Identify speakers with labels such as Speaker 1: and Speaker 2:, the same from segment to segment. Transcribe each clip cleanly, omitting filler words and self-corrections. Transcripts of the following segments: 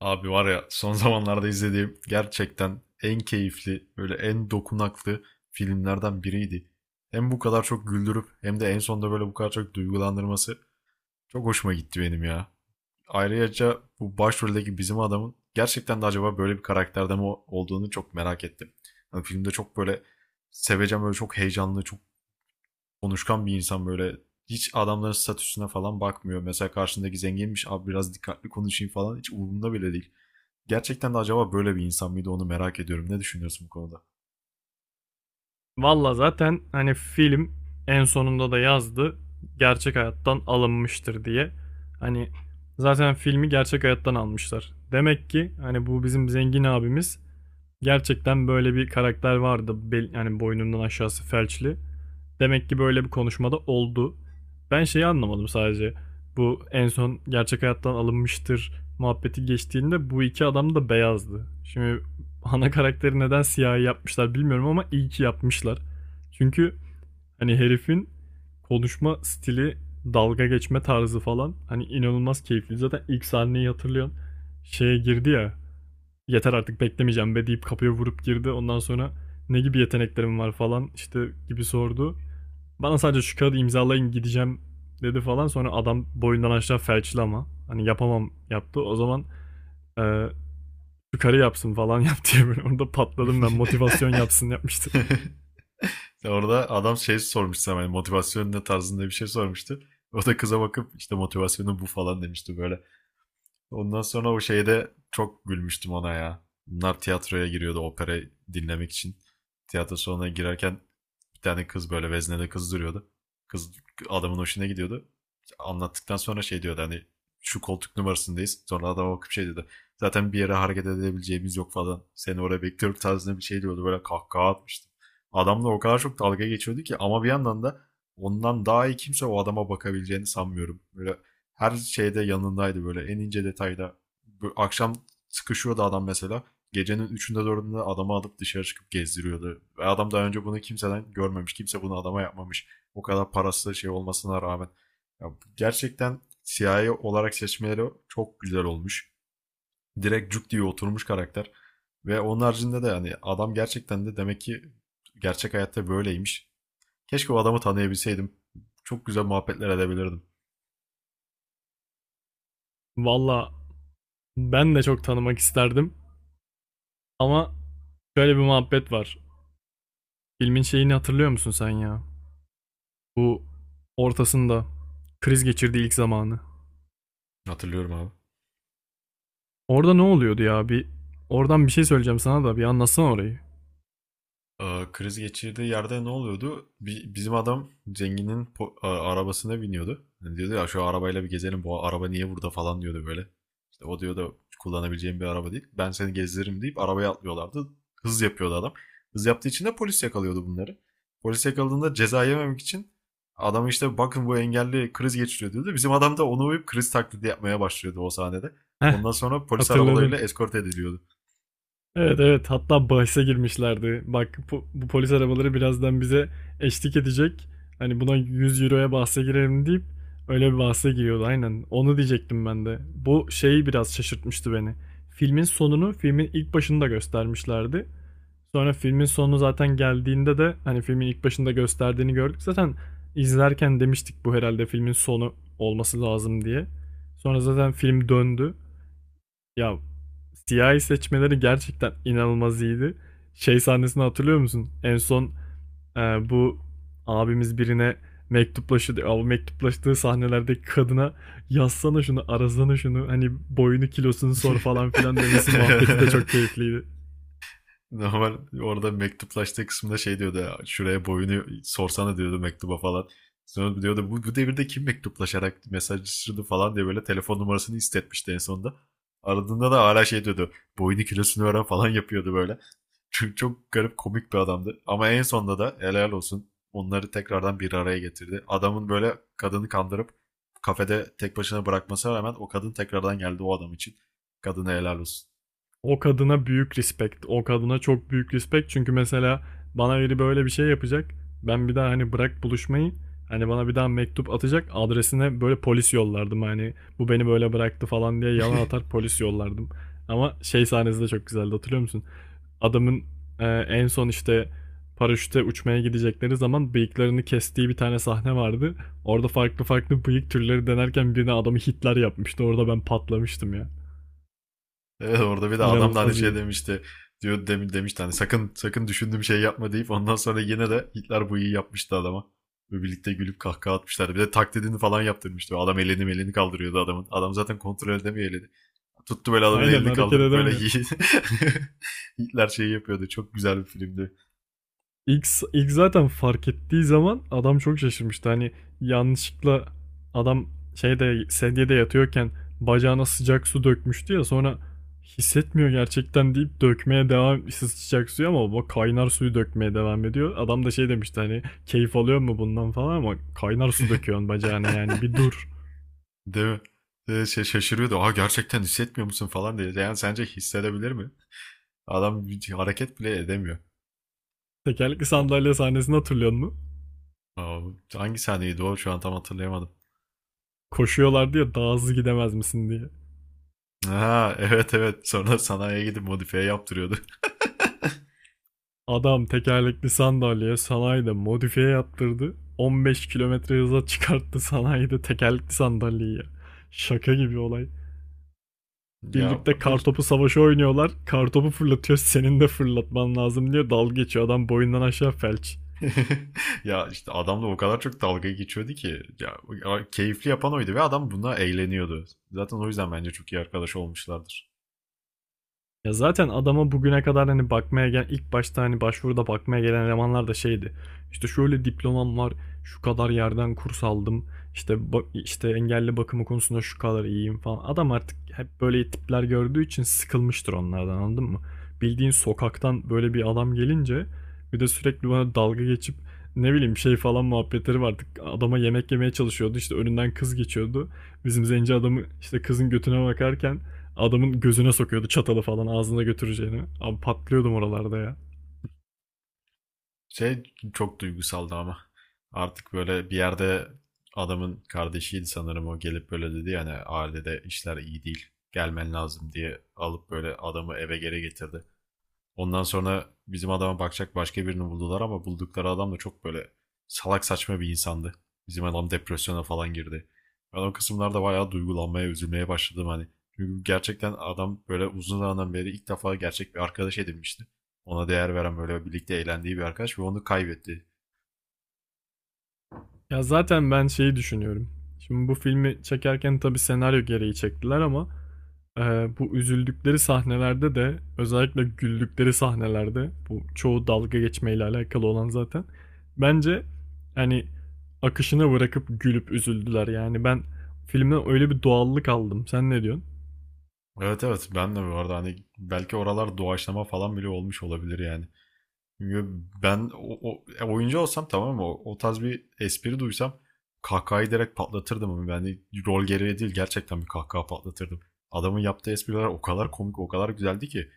Speaker 1: Abi var ya son zamanlarda izlediğim gerçekten en keyifli, böyle en dokunaklı filmlerden biriydi. Hem bu kadar çok güldürüp hem de en sonunda böyle bu kadar çok duygulandırması çok hoşuma gitti benim ya. Ayrıca bu başroldeki bizim adamın gerçekten de acaba böyle bir karakterde mi olduğunu çok merak ettim. Hani filmde çok böyle seveceğim böyle çok heyecanlı, çok konuşkan bir insan böyle hiç adamların statüsüne falan bakmıyor. Mesela karşındaki zenginmiş abi biraz dikkatli konuşayım falan hiç umurumda bile değil. Gerçekten de acaba böyle bir insan mıydı onu merak ediyorum. Ne düşünüyorsun bu konuda?
Speaker 2: Valla zaten hani film en sonunda da yazdı gerçek hayattan alınmıştır diye. Hani zaten filmi gerçek hayattan almışlar. Demek ki hani bu bizim zengin abimiz gerçekten böyle bir karakter vardı. Bel, yani boynundan aşağısı felçli. Demek ki böyle bir konuşmada oldu. Ben şeyi anlamadım sadece. Bu en son gerçek hayattan alınmıştır muhabbeti geçtiğinde bu iki adam da beyazdı. Şimdi ana karakteri neden siyahi yapmışlar bilmiyorum ama iyi ki yapmışlar. Çünkü hani herifin konuşma stili, dalga geçme tarzı falan hani inanılmaz keyifli. Zaten ilk sahneyi hatırlıyorsun. Şeye girdi ya. Yeter artık beklemeyeceğim be deyip kapıya vurup girdi. Ondan sonra ne gibi yeteneklerim var falan işte gibi sordu. Bana sadece şu kağıdı imzalayın gideceğim dedi falan. Sonra adam boyundan aşağı felçli ama. Hani yapamam yaptı. O zaman eee şu yapsın falan yap diye böyle orada patladım ben. Motivasyon yapsın yapmıştı.
Speaker 1: Orada adam şey sormuştu, sana hani motivasyon ne tarzında bir şey sormuştu. O da kıza bakıp işte motivasyonu bu falan demişti böyle. Ondan sonra o şeyde çok gülmüştüm ona ya. Bunlar tiyatroya giriyordu opera dinlemek için. Tiyatro salonuna girerken bir tane kız böyle veznede kız duruyordu. Kız adamın hoşuna gidiyordu. Anlattıktan sonra şey diyordu hani şu koltuk numarasındayız. Sonra adama bakıp şey dedi. Zaten bir yere hareket edebileceğimiz yok falan. Seni oraya bekliyorum tarzında bir şey diyordu. Böyle kahkaha atmıştı. Adamla o kadar çok dalga geçiyordu ki ama bir yandan da ondan daha iyi kimse o adama bakabileceğini sanmıyorum. Böyle her şeyde yanındaydı böyle en ince detayda. Bu akşam sıkışıyordu adam mesela gecenin üçünde dördünde adamı alıp dışarı çıkıp gezdiriyordu. Ve adam daha önce bunu kimseden görmemiş. Kimse bunu adama yapmamış. O kadar parası şey olmasına rağmen. Ya gerçekten CIA olarak seçmeleri çok güzel olmuş. Direkt cuk diye oturmuş karakter. Ve onun haricinde de yani adam gerçekten de demek ki gerçek hayatta böyleymiş. Keşke o adamı tanıyabilseydim. Çok güzel muhabbetler edebilirdim.
Speaker 2: Valla ben de çok tanımak isterdim. Ama şöyle bir muhabbet var. Filmin şeyini hatırlıyor musun sen ya? Bu ortasında kriz geçirdiği ilk zamanı.
Speaker 1: Hatırlıyorum abi.
Speaker 2: Orada ne oluyordu ya? Bir oradan bir şey söyleyeceğim sana da bir anlatsana orayı.
Speaker 1: Aa, kriz geçirdiği yerde ne oluyordu? Bizim adam zenginin arabasına biniyordu. Yani diyordu ya şu arabayla bir gezelim bu araba niye burada falan diyordu böyle. İşte o diyor da kullanabileceğim bir araba değil. Ben seni gezdiririm deyip arabaya atlıyorlardı. Hız yapıyordu adam. Hız yaptığı için de polis yakalıyordu bunları. Polis yakaladığında ceza yememek için adamı işte bakın bu engelli kriz geçiriyor diyordu. Bizim adam da onu uyup kriz taklidi yapmaya başlıyordu o sahnede.
Speaker 2: Heh,
Speaker 1: Ondan sonra polis
Speaker 2: hatırladım.
Speaker 1: arabalarıyla eskort ediliyordu.
Speaker 2: Evet, evet, hatta bahse girmişlerdi. Bak, bu polis arabaları birazdan bize eşlik edecek. Hani buna 100 euroya bahse girelim deyip öyle bir bahse giriyordu aynen. Onu diyecektim ben de. Bu şeyi biraz şaşırtmıştı beni. Filmin sonunu filmin ilk başında göstermişlerdi. Sonra filmin sonu zaten geldiğinde de hani filmin ilk başında gösterdiğini gördük. Zaten izlerken demiştik bu herhalde filmin sonu olması lazım diye. Sonra zaten film döndü. Ya, siyahi seçmeleri gerçekten inanılmaz iyiydi. Şey sahnesini hatırlıyor musun? En son e, bu abimiz birine mektuplaşıyor, diyor. O mektuplaştığı sahnelerdeki kadına yazsana şunu, arasana şunu, hani boyunu kilosunu sor falan filan demesi muhabbeti de çok keyifliydi.
Speaker 1: Normal orada mektuplaştığı kısımda şey diyordu ya, şuraya boyunu sorsana diyordu mektuba falan. Sonra diyordu bu devirde kim mektuplaşarak mesajlaşırdı falan diye böyle telefon numarasını istetmişti en sonunda. Aradığında da hala şey diyordu boyunu kilosunu öğren falan yapıyordu böyle. Çünkü çok garip komik bir adamdı. Ama en sonunda da helal olsun onları tekrardan bir araya getirdi. Adamın böyle kadını kandırıp kafede tek başına bırakmasına rağmen o kadın tekrardan geldi o adam için. Kadına helal olsun.
Speaker 2: O kadına büyük respect. O kadına çok büyük respect. Çünkü mesela bana biri böyle bir şey yapacak. Ben bir daha hani bırak buluşmayı. Hani bana bir daha mektup atacak. Adresine böyle polis yollardım. Hani bu beni böyle bıraktı falan diye yalan atar polis yollardım. Ama şey sahnesi de çok güzeldi, hatırlıyor musun? Adamın en son işte paraşüte uçmaya gidecekleri zaman bıyıklarını kestiği bir tane sahne vardı. Orada farklı farklı bıyık türleri denerken birine adamı Hitler yapmıştı. Orada ben patlamıştım ya.
Speaker 1: Evet, orada bir de adam da hani
Speaker 2: İnanılmaz
Speaker 1: şey
Speaker 2: iyi.
Speaker 1: demişti. Diyor demin demişti hani sakın sakın düşündüğüm şey yapma deyip ondan sonra yine de Hitler bu iyi yapmıştı adama. Ve birlikte gülüp kahkaha atmışlardı. Bir de taklidini falan yaptırmıştı. Adam elini elini kaldırıyordu adamın. Adam zaten kontrol edemiyor elini. Tuttu böyle adamın
Speaker 2: Aynen
Speaker 1: elini
Speaker 2: hareket
Speaker 1: kaldırıp böyle
Speaker 2: edemiyor.
Speaker 1: Hitler şeyi yapıyordu. Çok güzel bir filmdi.
Speaker 2: İlk, ilk zaten fark ettiği zaman adam çok şaşırmıştı. Hani yanlışlıkla adam şeyde sedyede yatıyorken bacağına sıcak su dökmüştü ya, sonra hissetmiyor gerçekten deyip dökmeye devam sıcak suyu, ama o kaynar suyu dökmeye devam ediyor. Adam da şey demişti hani keyif alıyor mu bundan falan, ama kaynar su döküyorsun bacağına, yani bir dur.
Speaker 1: Değil mi? Şey, şaşırıyordu. Aa, gerçekten hissetmiyor musun falan diye. Yani sence hissedebilir mi? Adam bir hareket bile edemiyor.
Speaker 2: Tekerlekli
Speaker 1: O,
Speaker 2: sandalye sahnesini hatırlıyor musun?
Speaker 1: aa, hangi sahneydi o? Şu an tam hatırlayamadım.
Speaker 2: Koşuyorlardı ya daha hızlı gidemez misin diye.
Speaker 1: Ha, evet evet. Sonra sanayiye gidip modifiye yaptırıyordu.
Speaker 2: Adam tekerlekli sandalyeye sanayide modifiye yaptırdı. 15 kilometre hıza çıkarttı sanayide tekerlekli sandalyeyi, ya. Şaka gibi olay.
Speaker 1: Ya
Speaker 2: Birlikte
Speaker 1: bu
Speaker 2: kartopu savaşı oynuyorlar. Kartopu fırlatıyor. Senin de fırlatman lazım diyor. Dalga geçiyor. Adam boyundan aşağı felç.
Speaker 1: ya işte adamla o kadar çok dalga geçiyordu ki ya keyifli yapan oydu ve adam buna eğleniyordu. Zaten o yüzden bence çok iyi arkadaş olmuşlardır.
Speaker 2: Ya zaten adama bugüne kadar hani bakmaya gelen, ilk başta hani başvuruda bakmaya gelen elemanlar da şeydi. İşte şöyle diplomam var, şu kadar yerden kurs aldım. İşte işte engelli bakımı konusunda şu kadar iyiyim falan. Adam artık hep böyle tipler gördüğü için sıkılmıştır onlardan, anladın mı? Bildiğin sokaktan böyle bir adam gelince, bir de sürekli bana dalga geçip ne bileyim şey falan muhabbetleri vardı. Adama yemek yemeye çalışıyordu. İşte önünden kız geçiyordu. Bizim zenci adamı işte kızın götüne bakarken adamın gözüne sokuyordu çatalı falan ağzına götüreceğini. Abi patlıyordum oralarda ya.
Speaker 1: Şey çok duygusaldı ama artık böyle bir yerde adamın kardeşiydi sanırım o gelip böyle dedi yani ailede işler iyi değil gelmen lazım diye alıp böyle adamı eve geri getirdi. Ondan sonra bizim adama bakacak başka birini buldular ama buldukları adam da çok böyle salak saçma bir insandı. Bizim adam depresyona falan girdi. Ben o kısımlarda bayağı duygulanmaya, üzülmeye başladım hani. Çünkü gerçekten adam böyle uzun zamandan beri ilk defa gerçek bir arkadaş edinmişti. Ona değer veren böyle birlikte eğlendiği bir arkadaş ve onu kaybetti.
Speaker 2: Ya zaten ben şeyi düşünüyorum. Şimdi bu filmi çekerken tabii senaryo gereği çektiler, ama e, bu üzüldükleri sahnelerde de, özellikle güldükleri sahnelerde, bu çoğu dalga geçmeyle alakalı olan zaten. Bence hani akışına bırakıp gülüp üzüldüler, yani ben filmden öyle bir doğallık aldım. Sen ne diyorsun?
Speaker 1: Evet evet, ben de bu arada hani belki oralar doğaçlama falan bile olmuş olabilir yani. Yo, ben oyuncu olsam tamam mı? O tarz bir espri duysam kahkahayı direkt patlatırdım. Ama yani rol gereği değil gerçekten bir kahkaha patlatırdım. Adamın yaptığı espriler o kadar komik, o kadar güzeldi ki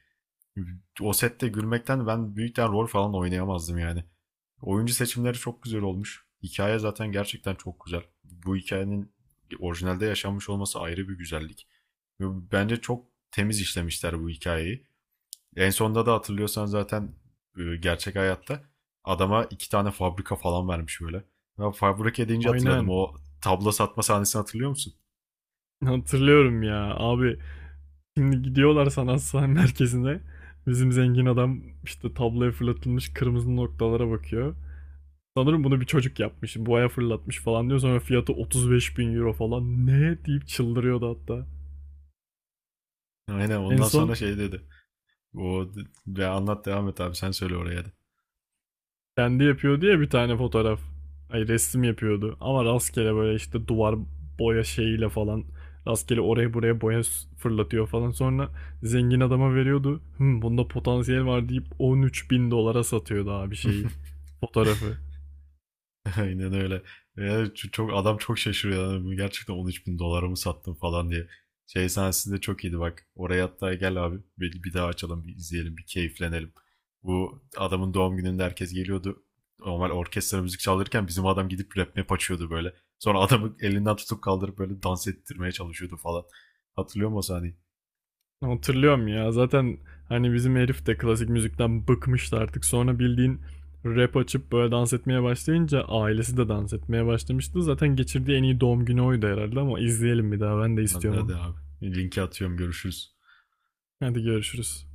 Speaker 1: o sette gülmekten ben büyükten rol falan oynayamazdım yani. Oyuncu seçimleri çok güzel olmuş. Hikaye zaten gerçekten çok güzel. Bu hikayenin orijinalde yaşanmış olması ayrı bir güzellik. Bence çok temiz işlemişler bu hikayeyi. En sonda da hatırlıyorsan zaten gerçek hayatta adama iki tane fabrika falan vermiş böyle. Ben fabrika deyince hatırladım.
Speaker 2: Aynen.
Speaker 1: O tablo satma sahnesini hatırlıyor musun?
Speaker 2: Hatırlıyorum ya abi. Şimdi gidiyorlar sanat sahne merkezine. Bizim zengin adam işte tabloya fırlatılmış kırmızı noktalara bakıyor. Sanırım bunu bir çocuk yapmış. Boya fırlatmış falan diyor. Sonra fiyatı 35 bin euro falan. Ne deyip çıldırıyordu hatta.
Speaker 1: Aynen,
Speaker 2: En
Speaker 1: ondan sonra
Speaker 2: son
Speaker 1: şey dedi. O ve anlat, devam et abi, sen söyle oraya da.
Speaker 2: kendi yapıyordu ya bir tane fotoğraf. Ay, resim yapıyordu. Ama rastgele böyle işte duvar boya şeyiyle falan. Rastgele oraya buraya boya fırlatıyor falan. Sonra zengin adama veriyordu. Hı, bunda potansiyel var deyip 13 bin dolara satıyordu abi şeyi. Fotoğrafı.
Speaker 1: Aynen öyle. Yani çok adam çok şaşırıyor. Yani bu gerçekten 13 bin dolara mı sattın falan diye. Şey sahnesi de çok iyiydi bak. Oraya hatta gel abi. Bir daha açalım, bir izleyelim, bir keyiflenelim. Bu adamın doğum gününde herkes geliyordu. Normal orkestra müzik çalırken bizim adam gidip rap map açıyordu böyle. Sonra adamı elinden tutup kaldırıp böyle dans ettirmeye çalışıyordu falan. Hatırlıyor musun o sahneyi?
Speaker 2: Hatırlıyorum ya. Zaten hani bizim herif de klasik müzikten bıkmıştı artık. Sonra bildiğin rap açıp böyle dans etmeye başlayınca ailesi de dans etmeye başlamıştı. Zaten geçirdiği en iyi doğum günü oydu herhalde, ama izleyelim bir daha. Ben de
Speaker 1: Hadi,
Speaker 2: istiyorum onu.
Speaker 1: hadi abi. Linki atıyorum, görüşürüz.
Speaker 2: Hadi, görüşürüz.